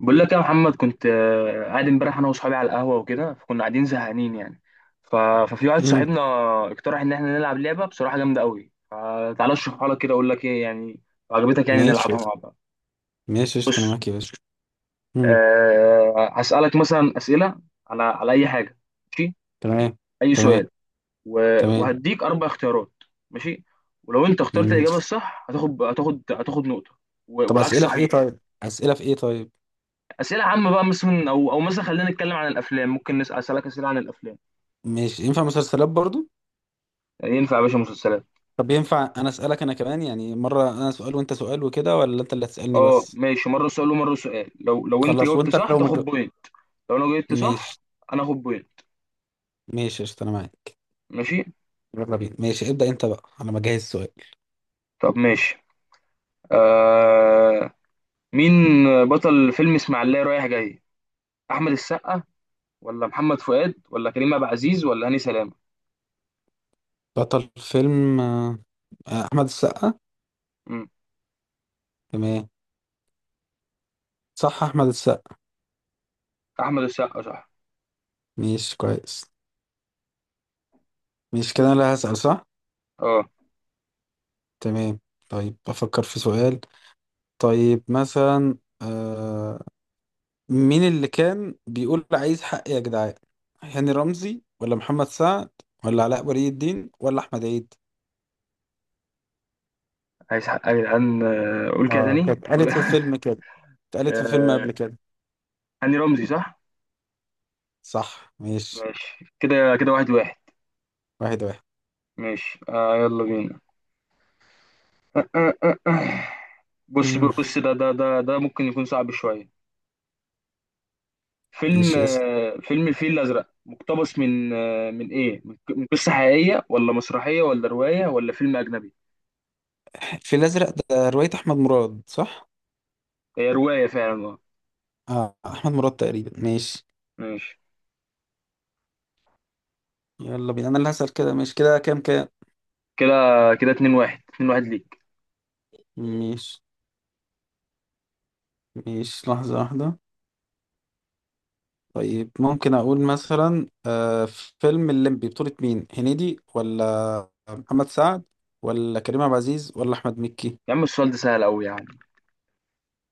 بقول لك يا محمد كنت قاعد امبارح انا واصحابي على القهوه وكده فكنا قاعدين زهقانين يعني ف... ففي واحد امم صاحبنا اقترح ان احنا نلعب لعبه بصراحه جامده قوي. تعالى اشرحها لك كده اقول لك ايه يعني، لو عجبتك يعني ماشي، نلعبها مع بعض. ماشي قشطة، انا بص، معاك يا باشا. امم هسالك مثلا اسئله على اي حاجه، ماشي؟ تمام، اي تمام، سؤال، تمام. وهديك اربع اختيارات، ماشي. ولو انت اخترت مم. الاجابه الصح هتاخد نقطه، طب والعكس اسئله في ايه؟ صحيح. طيب اسئله في ايه؟ طيب اسئله عامه بقى، مثلا او مثلا خلينا نتكلم عن الافلام، ممكن اسالك اسئله عن الافلام. ماشي، ينفع مسلسلات برضو؟ ينفع يا باشا مسلسلات. طب ينفع انا اسالك انا كمان يعني مره انا سؤال وانت سؤال وكده، ولا انت اللي هتسالني اه بس؟ ماشي، مره سؤال ومره سؤال. لو انت خلاص، جاوبت وانت صح لو ما تاخد مج... بوينت، لو انا جاوبت ماشي. صح انا اخد بوينت. ماشي قشطة، انا معاك. ماشي. يلا بينا، ماشي ابدا، انت بقى، انا بجهز سؤال. طب ماشي. آه. مين بطل فيلم اسماعيلية رايح جاي؟ احمد السقا، ولا محمد فؤاد، ولا كريم عبد العزيز، ولا هاني سلامه؟ بطل فيلم احمد السقا. مم. تمام، صح احمد السقا. احمد السقا صح. ماشي كويس، ماشي كده انا اللي هسال، صح؟ اه، تمام. طيب بفكر في سؤال. طيب مثلا مين اللي كان بيقول عايز حق يا جدعان؟ هاني رمزي ولا محمد سعد ولا علاء ولي الدين ولا احمد عيد؟ عايز حق يا جدعان. قول كده اه كانت تاني اتقالت قول. في فيلم كده، اتقالت في فيلم آه، قبل كده. هاني رمزي صح. صح، ماشي. ماشي كده كده، واحد واحد. واحد واحد. ماشي آه، يلا بينا. بص مم. بص، ده ممكن يكون صعب شويه. فيلم ماشي. اسم فيلم الفيل الازرق مقتبس من من قصه حقيقيه، ولا مسرحيه، ولا روايه، ولا فيلم اجنبي؟ في الازرق ده رواية احمد مراد، صح؟ هي روايه فعلا اه. اه احمد مراد تقريبا، ماشي. ماشي يلا بينا، انا اللي هسأل كده. ماشي كده، كام كام؟ كده كده 2 1، 2 1 ليك. ماشي، ماشي لحظة واحدة. طيب ممكن اقول مثلا فيلم الليمبي بطولة مين؟ هنيدي ولا محمد سعد ولا كريم عبد العزيز ولا احمد مكي؟ يا عم السؤال ده سهل قوي يا عم.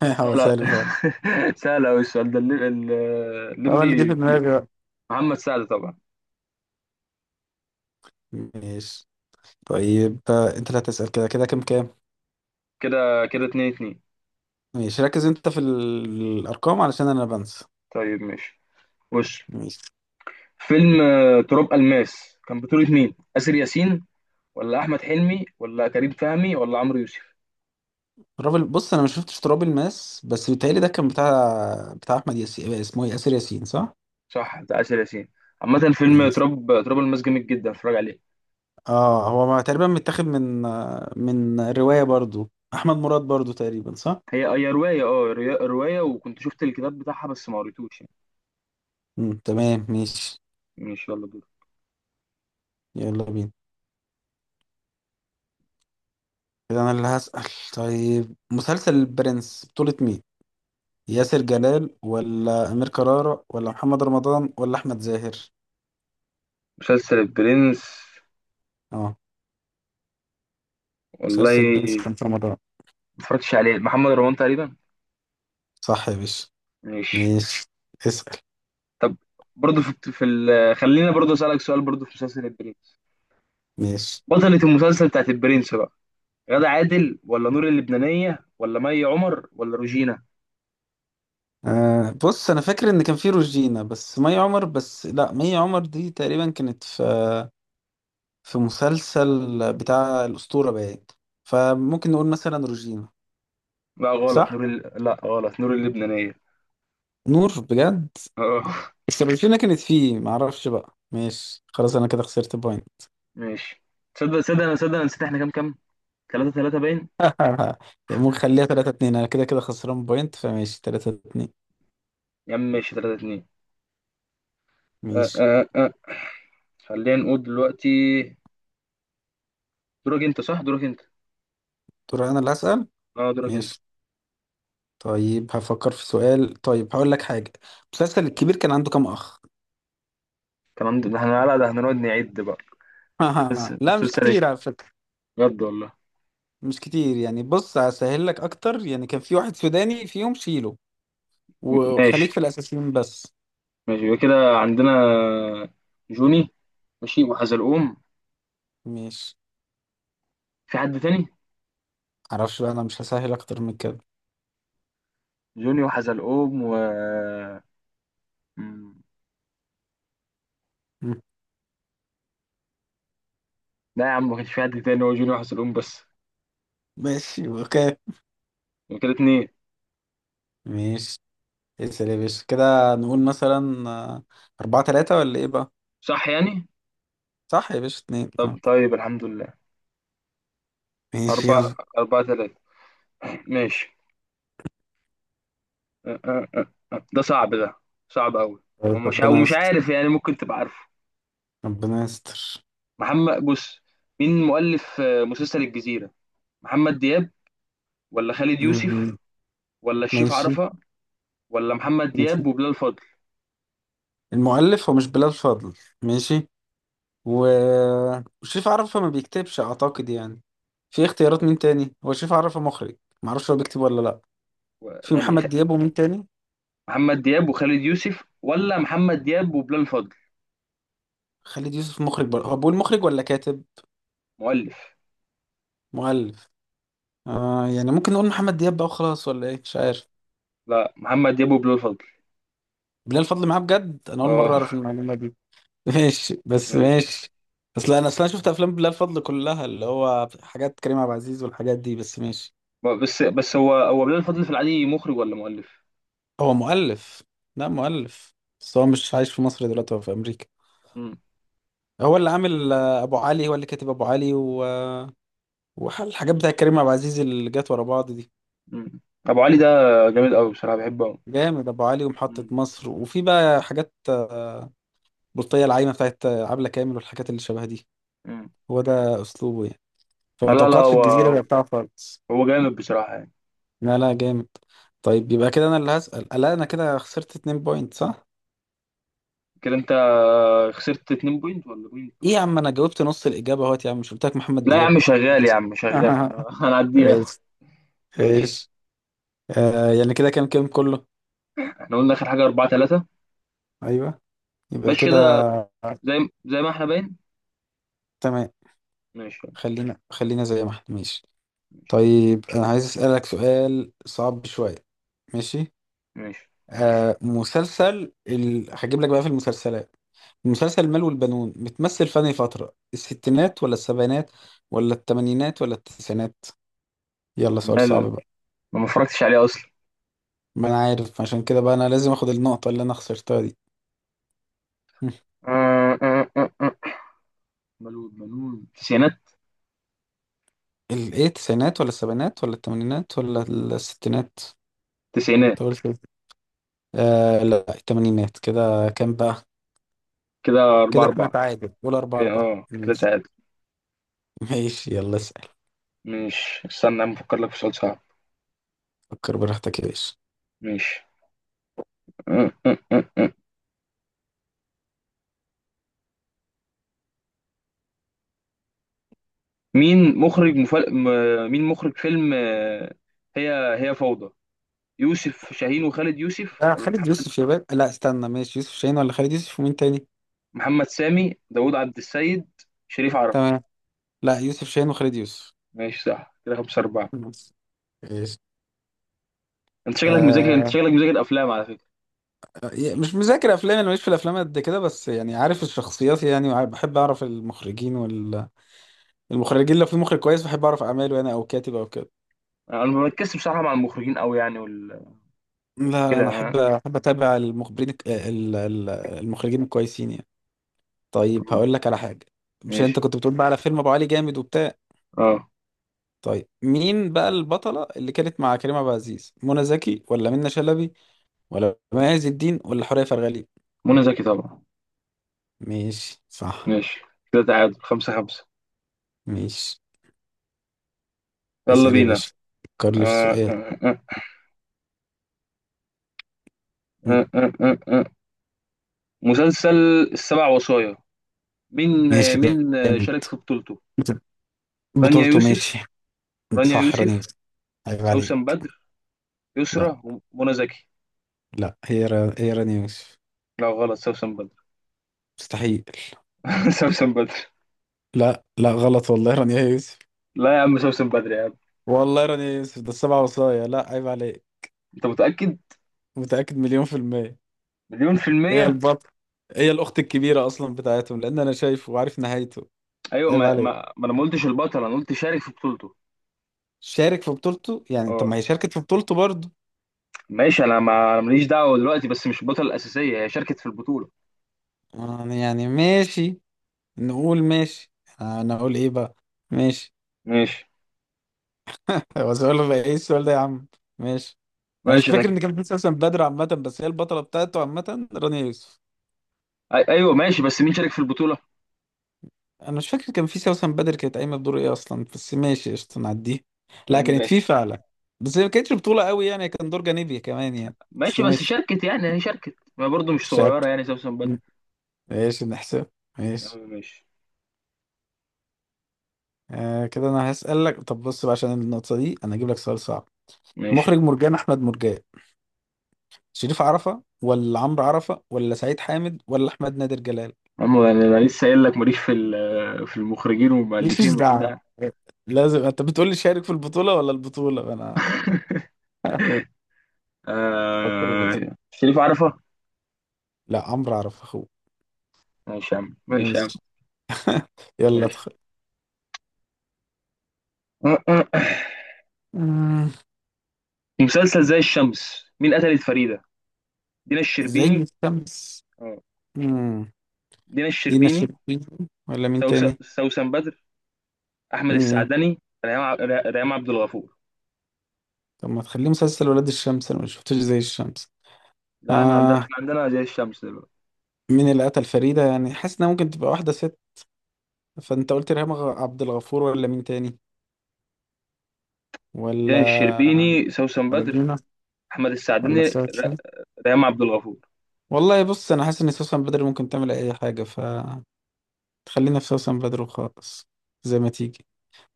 هو سهل. سهل فعلا، سهل قوي السؤال ده. هو اللي جه في الليمبي. دماغي بقى. محمد سعد طبعا. ماشي. طيب انت اللي هتسأل كده. كده كام كام؟ كده كده 2 2. ماشي، ركز انت في الارقام علشان انا بنسى. طيب ماشي. بص، ماشي. فيلم تراب الماس كان بطولة مين؟ آسر ياسين، ولا احمد حلمي، ولا كريم فهمي، ولا عمرو يوسف؟ بص انا ما شفتش تراب الماس، بس بيتهيألي ده كان بتاع احمد ياسين، اسمه إيه؟ ياسر ياسين، صح؟ صح، بتاع آسر ياسين. عامة فيلم ماشي. تراب الماس جامد جدا، اتفرج عليه. اه هو ما تقريبا متاخد من من رواية برضو احمد مراد برضو تقريبا، صح؟ هي رواية اه، رواية، وكنت شفت الكتاب بتاعها بس ما قريتوش يعني. تمام ماشي. ماشي يلا دور. يلا بينا، كده انا اللي هسأل. طيب مسلسل البرنس بطولة مين؟ ياسر جلال ولا امير كرارة ولا محمد رمضان ولا احمد زاهر؟ مسلسل البرنس، اه والله مسلسل البرنس ما كان في رمضان. اتفرجتش عليه، محمد رمضان تقريبا. صح يا باشا، ماشي. ماشي. اسأل. برضه خلينا برضه اسألك سؤال برضه في مسلسل البرنس. ماشي. بطلة المسلسل بتاعت البرنس بقى، غادة عادل، ولا نور اللبنانية، ولا مي عمر، ولا روجينا؟ بص انا فاكر ان كان في روجينا بس مي عمر، بس لا مي عمر دي تقريبا كانت في في مسلسل بتاع الأسطورة بقى، فممكن نقول مثلا روجينا. صح؟ لا غلط نور اللبنانية. نور، بجد؟ اه بس روجينا كانت فيه، معرفش بقى، ماشي خلاص أنا كده خسرت بوينت. ماشي. تصدق تصدق انا تصدق انا نسيت احنا كام كام. 3 3 باين. ممكن خليها 3-2، أنا كده كده خسران بوينت فماشي 3-2. يا عم ماشي 3 2. أه ماشي. أه أه. خلينا نقول دلوقتي، دورك انت. دور أنا اللي هسأل. اه دورك انت. ماشي. طيب هفكر في سؤال. طيب هقول لك حاجة، المسلسل الكبير كان عنده كام أخ؟ تمام ده احنا، لا ده هنقعد نعد بقى. بس لا مش مسلسل ايه، كتير على فكرة. بجد والله. مش كتير يعني، بص هسهل لك أكتر يعني، كان في واحد سوداني فيهم شيله، ماشي. وخليك في الأساسيين بس. ماشي، يبقى كده عندنا جوني، ماشي، وحزلقوم. ماشي. في حد تاني؟ معرفش بقى، أنا مش هسهل أكتر من كده. جوني وحزلقوم و م- مم. لا يا عم، ما كانش في حد تاني، هو جوني وحزلقوم بس. ماشي أوكي. يبقى كده اتنين. ماشي. اسأل يا باشا، كده نقول مثلا أربعة تلاتة ولا إيه بقى؟ صح يعني. صح يا باشا، اتنين طب اه. طيب الحمد لله. ماشي، أربعة. يلا. أربعة تلاتة. ماشي. أه، أه، أه، أه. ده صعب ده، صعب أوي. طيب، ومش أو ربنا مش يستر. عارف يعني، ممكن تبقى عارفه. ربنا يستر. محمد بص، مين مؤلف مسلسل الجزيرة؟ محمد دياب، ولا خالد يوسف، مم. ولا الشريف ماشي. عرفة، ولا محمد ماشي. دياب وبلال فضل؟ المؤلف هو مش بلال فضل، ماشي، و... وشريف عرفة ما بيكتبش أعتقد يعني. في اختيارات مين تاني؟ هو شريف عرفة مخرج، معرفش هو بيكتب ولا لأ. و- في يعني خ- محمد دياب ومين تاني؟ محمد دياب وخالد يوسف، ولا محمد دياب وبلال فضل؟ خالد يوسف مخرج هو بقول مخرج ولا كاتب؟ مؤلف. مؤلف. آه يعني ممكن نقول محمد دياب بقى وخلاص ولا ايه، مش عارف. لا محمد دياب وبلال فضل. بلال فضل معاه؟ بجد انا اول مره اه. اعرف المعلومه دي. ماشي، بس ماشي. ماشي. اصل انا اصلا شفت افلام بلال فضل كلها اللي هو حاجات كريم عبد العزيز والحاجات دي، بس ماشي. بس هو بلال فضل في العادي مخرج ولا مؤلف؟ هو مؤلف، لا مؤلف. بس هو مش عايش في مصر دلوقتي، هو في امريكا. هو اللي عامل ابو علي، هو اللي كاتب ابو علي والحاجات بتاع كريم عبد العزيز اللي جت ورا بعض دي. مم. ابو علي ده جامد قوي بصراحه، بحبه قوي. جامد ابو علي، ومحطة مم. مصر، وفي بقى حاجات بطية العايمة بتاعت عبلة كامل والحاجات اللي شبه دي. مم. هو ده أسلوبه يعني، لا فما لا لا توقعتش الجزيرة هو، بقى بتاعه خالص. هو جامد بصراحه يعني. لا لا جامد. طيب يبقى كده أنا اللي هسأل، لا أنا كده خسرت 2 بوينت، صح؟ كده انت خسرت 2 بوينت ولا بوينت إيه واحد؟ يا عم، أنا جاوبت نص الإجابة أهوت يا عم، مش قلت لك محمد لا يا دياب؟ عم شغال، يا عم شغال هنعديها. ايش؟ ماشي. ايش؟ آه يعني كده كام كام كله؟ احنا قلنا اخر حاجه 4 3. أيوه، يبقى ماشي كده، كده. زي زي ما احنا باين. تمام. ماشي. خلينا، خلينا زي ما احنا، ماشي. ماشي. طيب أنا عايز أسألك سؤال صعب شوية. ماشي. ماشي. هجيب لك بقى في المسلسلات، مسلسل المال والبنون بتمثل في أنهي فترة؟ الستينات ولا السبعينات ولا الثمانينات ولا التسعينات؟ يلا سؤال صعب مال، بقى. ما اتفرجتش عليه اصلا. ما أنا عارف، عشان كده بقى أنا لازم أخد النقطة اللي أنا خسرتها دي. مم. آه، آه، آه، آه. ملول تسعينات. ال إيه، التسعينات ولا السبعينات ولا الثمانينات ولا الستينات؟ تسعينات. أنت قلت إيه؟ آه لا الثمانينات. كده كام بقى؟ كده 4 كده احنا 4. تعادل، قول أربعة كده أربعة. اه كده تعادل. ماشي، يلا اسأل. ماشي، استنى يا عم افكر لك في سؤال صعب. فكر براحتك يا باشا. ماشي. مين مخرج فيلم هي هي فوضى؟ يوسف شاهين وخالد يوسف، ده ولا خالد محمد، يوسف يا باشا، لا استنى، ماشي، يوسف شاهين ولا خالد يوسف ومين تاني؟ محمد سامي، داوود عبد السيد، شريف عرفة؟ تمام. لا يوسف شاهين وخالد يوسف. ماشي صح. كده خمسة أربعة. ايش؟ أنت شكلك مذاكر، آه، أفلام على فكرة. مش مذاكر افلام انا، ماليش في الافلام قد كده، بس يعني عارف الشخصيات يعني، بحب اعرف المخرجين، والمخرجين لو في مخرج كويس بحب اعرف اعماله انا، او كاتب او كده. أنا ما بركزش بصراحة مع المخرجين أوي يعني لا لا كده انا ها. احب اتابع المخبرين الك- ال- ال- المخرجين الكويسين يعني. طيب هقول لك على حاجه، مش ماشي. انت كنت بتقول بقى على فيلم ابو علي جامد وبتاع؟ أه. طيب مين بقى البطلة اللي كانت مع كريم عبد العزيز؟ منى زكي ولا منى شلبي ولا مي عز الدين ولا حورية فرغلي؟ منى زكي طبعا. ماشي صح. ماشي. كده تعادل خمسة خمسة. ماشي. يلا اسأل يا بينا. باشا، فكر لي في آه سؤال. آه آه م. آه آه آه. آه. مسلسل السبع وصايا، مين، ماشي. مين جامد. شارك في بطولته؟ رانيا بطولته، يوسف، ماشي. رانيا صح، راني يوسف يوسف. عيب عليك. سوسن بدر، لا يسرى، ومنى زكي. لا، هي راني يوسف. لا غلط، سوسن بدر. مستحيل. سوسن بدر. لا لا، غلط، والله رانيا يوسف. لا يا عم سوسن بدر يا عم. والله رانيا يوسف، ده السبعة وصايا، لا عيب عليك. انت متأكد؟ متأكد مليون في المية. مليون في هي المية. البطل، هي الأخت الكبيرة أصلا بتاعتهم، لأن أنا شايفه وعارف نهايته. ايوه، عيب ما عليك، ما, ما انا ما قلتش البطل، انا قلت شارك في بطولته. شارك في بطولته يعني، طب ما اه هي شاركت في بطولته برضه، ماشي. انا ما أنا ماليش دعوة دلوقتي، بس مش البطلة الأساسية، هي شاركت في البطولة. يعني يعني ماشي، نقول ماشي. أنا أقول إيه بقى؟ ماشي. ماشي. هو سؤال بقى، إيه السؤال ده يا عم؟ ماشي. أنا مش ماشي انا فاكر إن كان في سوسن بدر عامة، بس هي البطلة بتاعته عامة رانيا يوسف. ايوه ماشي، بس مين شارك في البطولة؟ أنا مش فاكر، كان في سوسن بدر كانت قايمة بدور إيه أصلا، بس ماشي قشطة نعديه. يا لا عم كانت في ماشي. فعلا، بس هي ما كانتش بطولة قوي يعني، كان دور جانبي كمان يعني، بس ماشي، بس ماشي. شاركت يعني، هي شاركت، ما برضه مش مش عارف. صغيرة يعني سوسن بدر. ماشي نحسب. يا ماشي. عم ماشي. آه كده انا هسألك، طب بص بقى عشان النقطة دي انا هجيب لك سؤال صعب. ماشي. مخرج مرجان احمد مرجان، شريف عرفة ولا عمرو عرفة ولا سعيد حامد ولا احمد نادر جلال؟ عم أنا لسه قايل لك ماليش في في المخرجين والمؤلفين ماليش دعوة، وبتاع. لازم انت بتقول لي شارك في البطولة ولا البطولة. انا فكر بس. شريف عرفة. لا عمرو عرفة اخوه. ماشي يا عم، ماشي يا عم. ماشي، يلا ماشي. ادخل. مم، في مسلسل زي الشمس، مين قتلت فريدة؟ دينا زي الشربيني. الشمس. اه، مم، دينا دينا الشربيني، الشربيني ولا مين تاني؟ سوسن بدر، احمد مم، السعدني، ريهام عبد الغفور. طب ما تخليه مسلسل ولاد الشمس، انا ما شفتوش زي الشمس. لا احنا عندنا، آه، زي الشمس دلوقتي. مين اللي قتل فريدة؟ يعني حاسس انها ممكن تبقى واحدة ست. فانت قلت ريهام عبد الغفور ولا مين تاني؟ ولا دينا الشربيني، سوسن ولا بدر، دينا احمد ولا السعدني، سوسن؟ ريهام عبد الغفور. والله بص انا حاسس ان سوسن بدر ممكن تعمل اي حاجة، فتخلينا في سوسن بدر وخلاص، زي ما تيجي.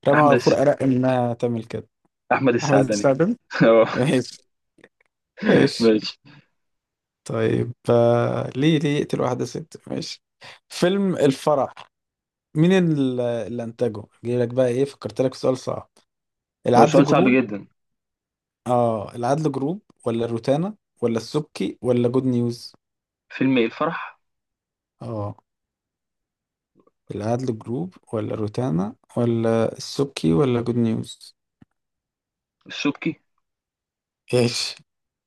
ريهام احمد الس... غفور ارق انها تعمل كده. احمد احمد السعدني. السعدني. اه. ماشي، ماشي. ماشي. طيب ليه، ليه يقتل واحدة ست؟ ماشي. فيلم الفرح، مين اللي انتجه؟ جاي لك بقى ايه، فكرت لك سؤال صعب. لو العدل سؤال صعب جروب. جدا. اه، العدل جروب ولا روتانا ولا السبكي ولا جود نيوز؟ فيلم ايه الفرح. اه العدل جروب ولا روتانا ولا السبكي ولا جود نيوز؟ الشبكي. ايش؟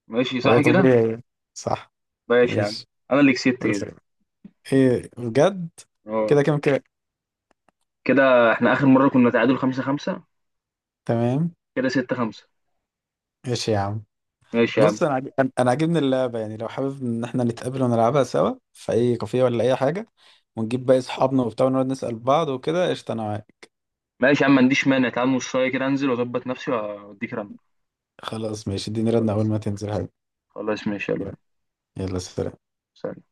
ماشي هو صح كده. طبيعي. صح. ماشي يا عم، ايش؟ انا اللي كسبت ايش؟ كده. ايه بجد؟ اه كده كام كده؟ كده. احنا اخر مره كنا تعادل خمسة خمسة، تمام. كده ستة خمسة. ايش يا عم؟ ماشي يا عم. بص انا انا أنا عاجبني اللعبه يعني، لو حابب ان احنا نتقابل ونلعبها سوا في اي كافيه ولا اي حاجه، ونجيب باقي اصحابنا وبتاع ونقعد نسال بعض وكده، قشطه انا معاك. ماشي يا عم، ما عنديش مانع، تعال نص ساعه كده انزل واظبط نفسي واديك رن. خلاص ماشي، اديني ردنا اول خلاص. ما تنزل حاجه. خلاص ماشي يلا. يلا سلام. سلام.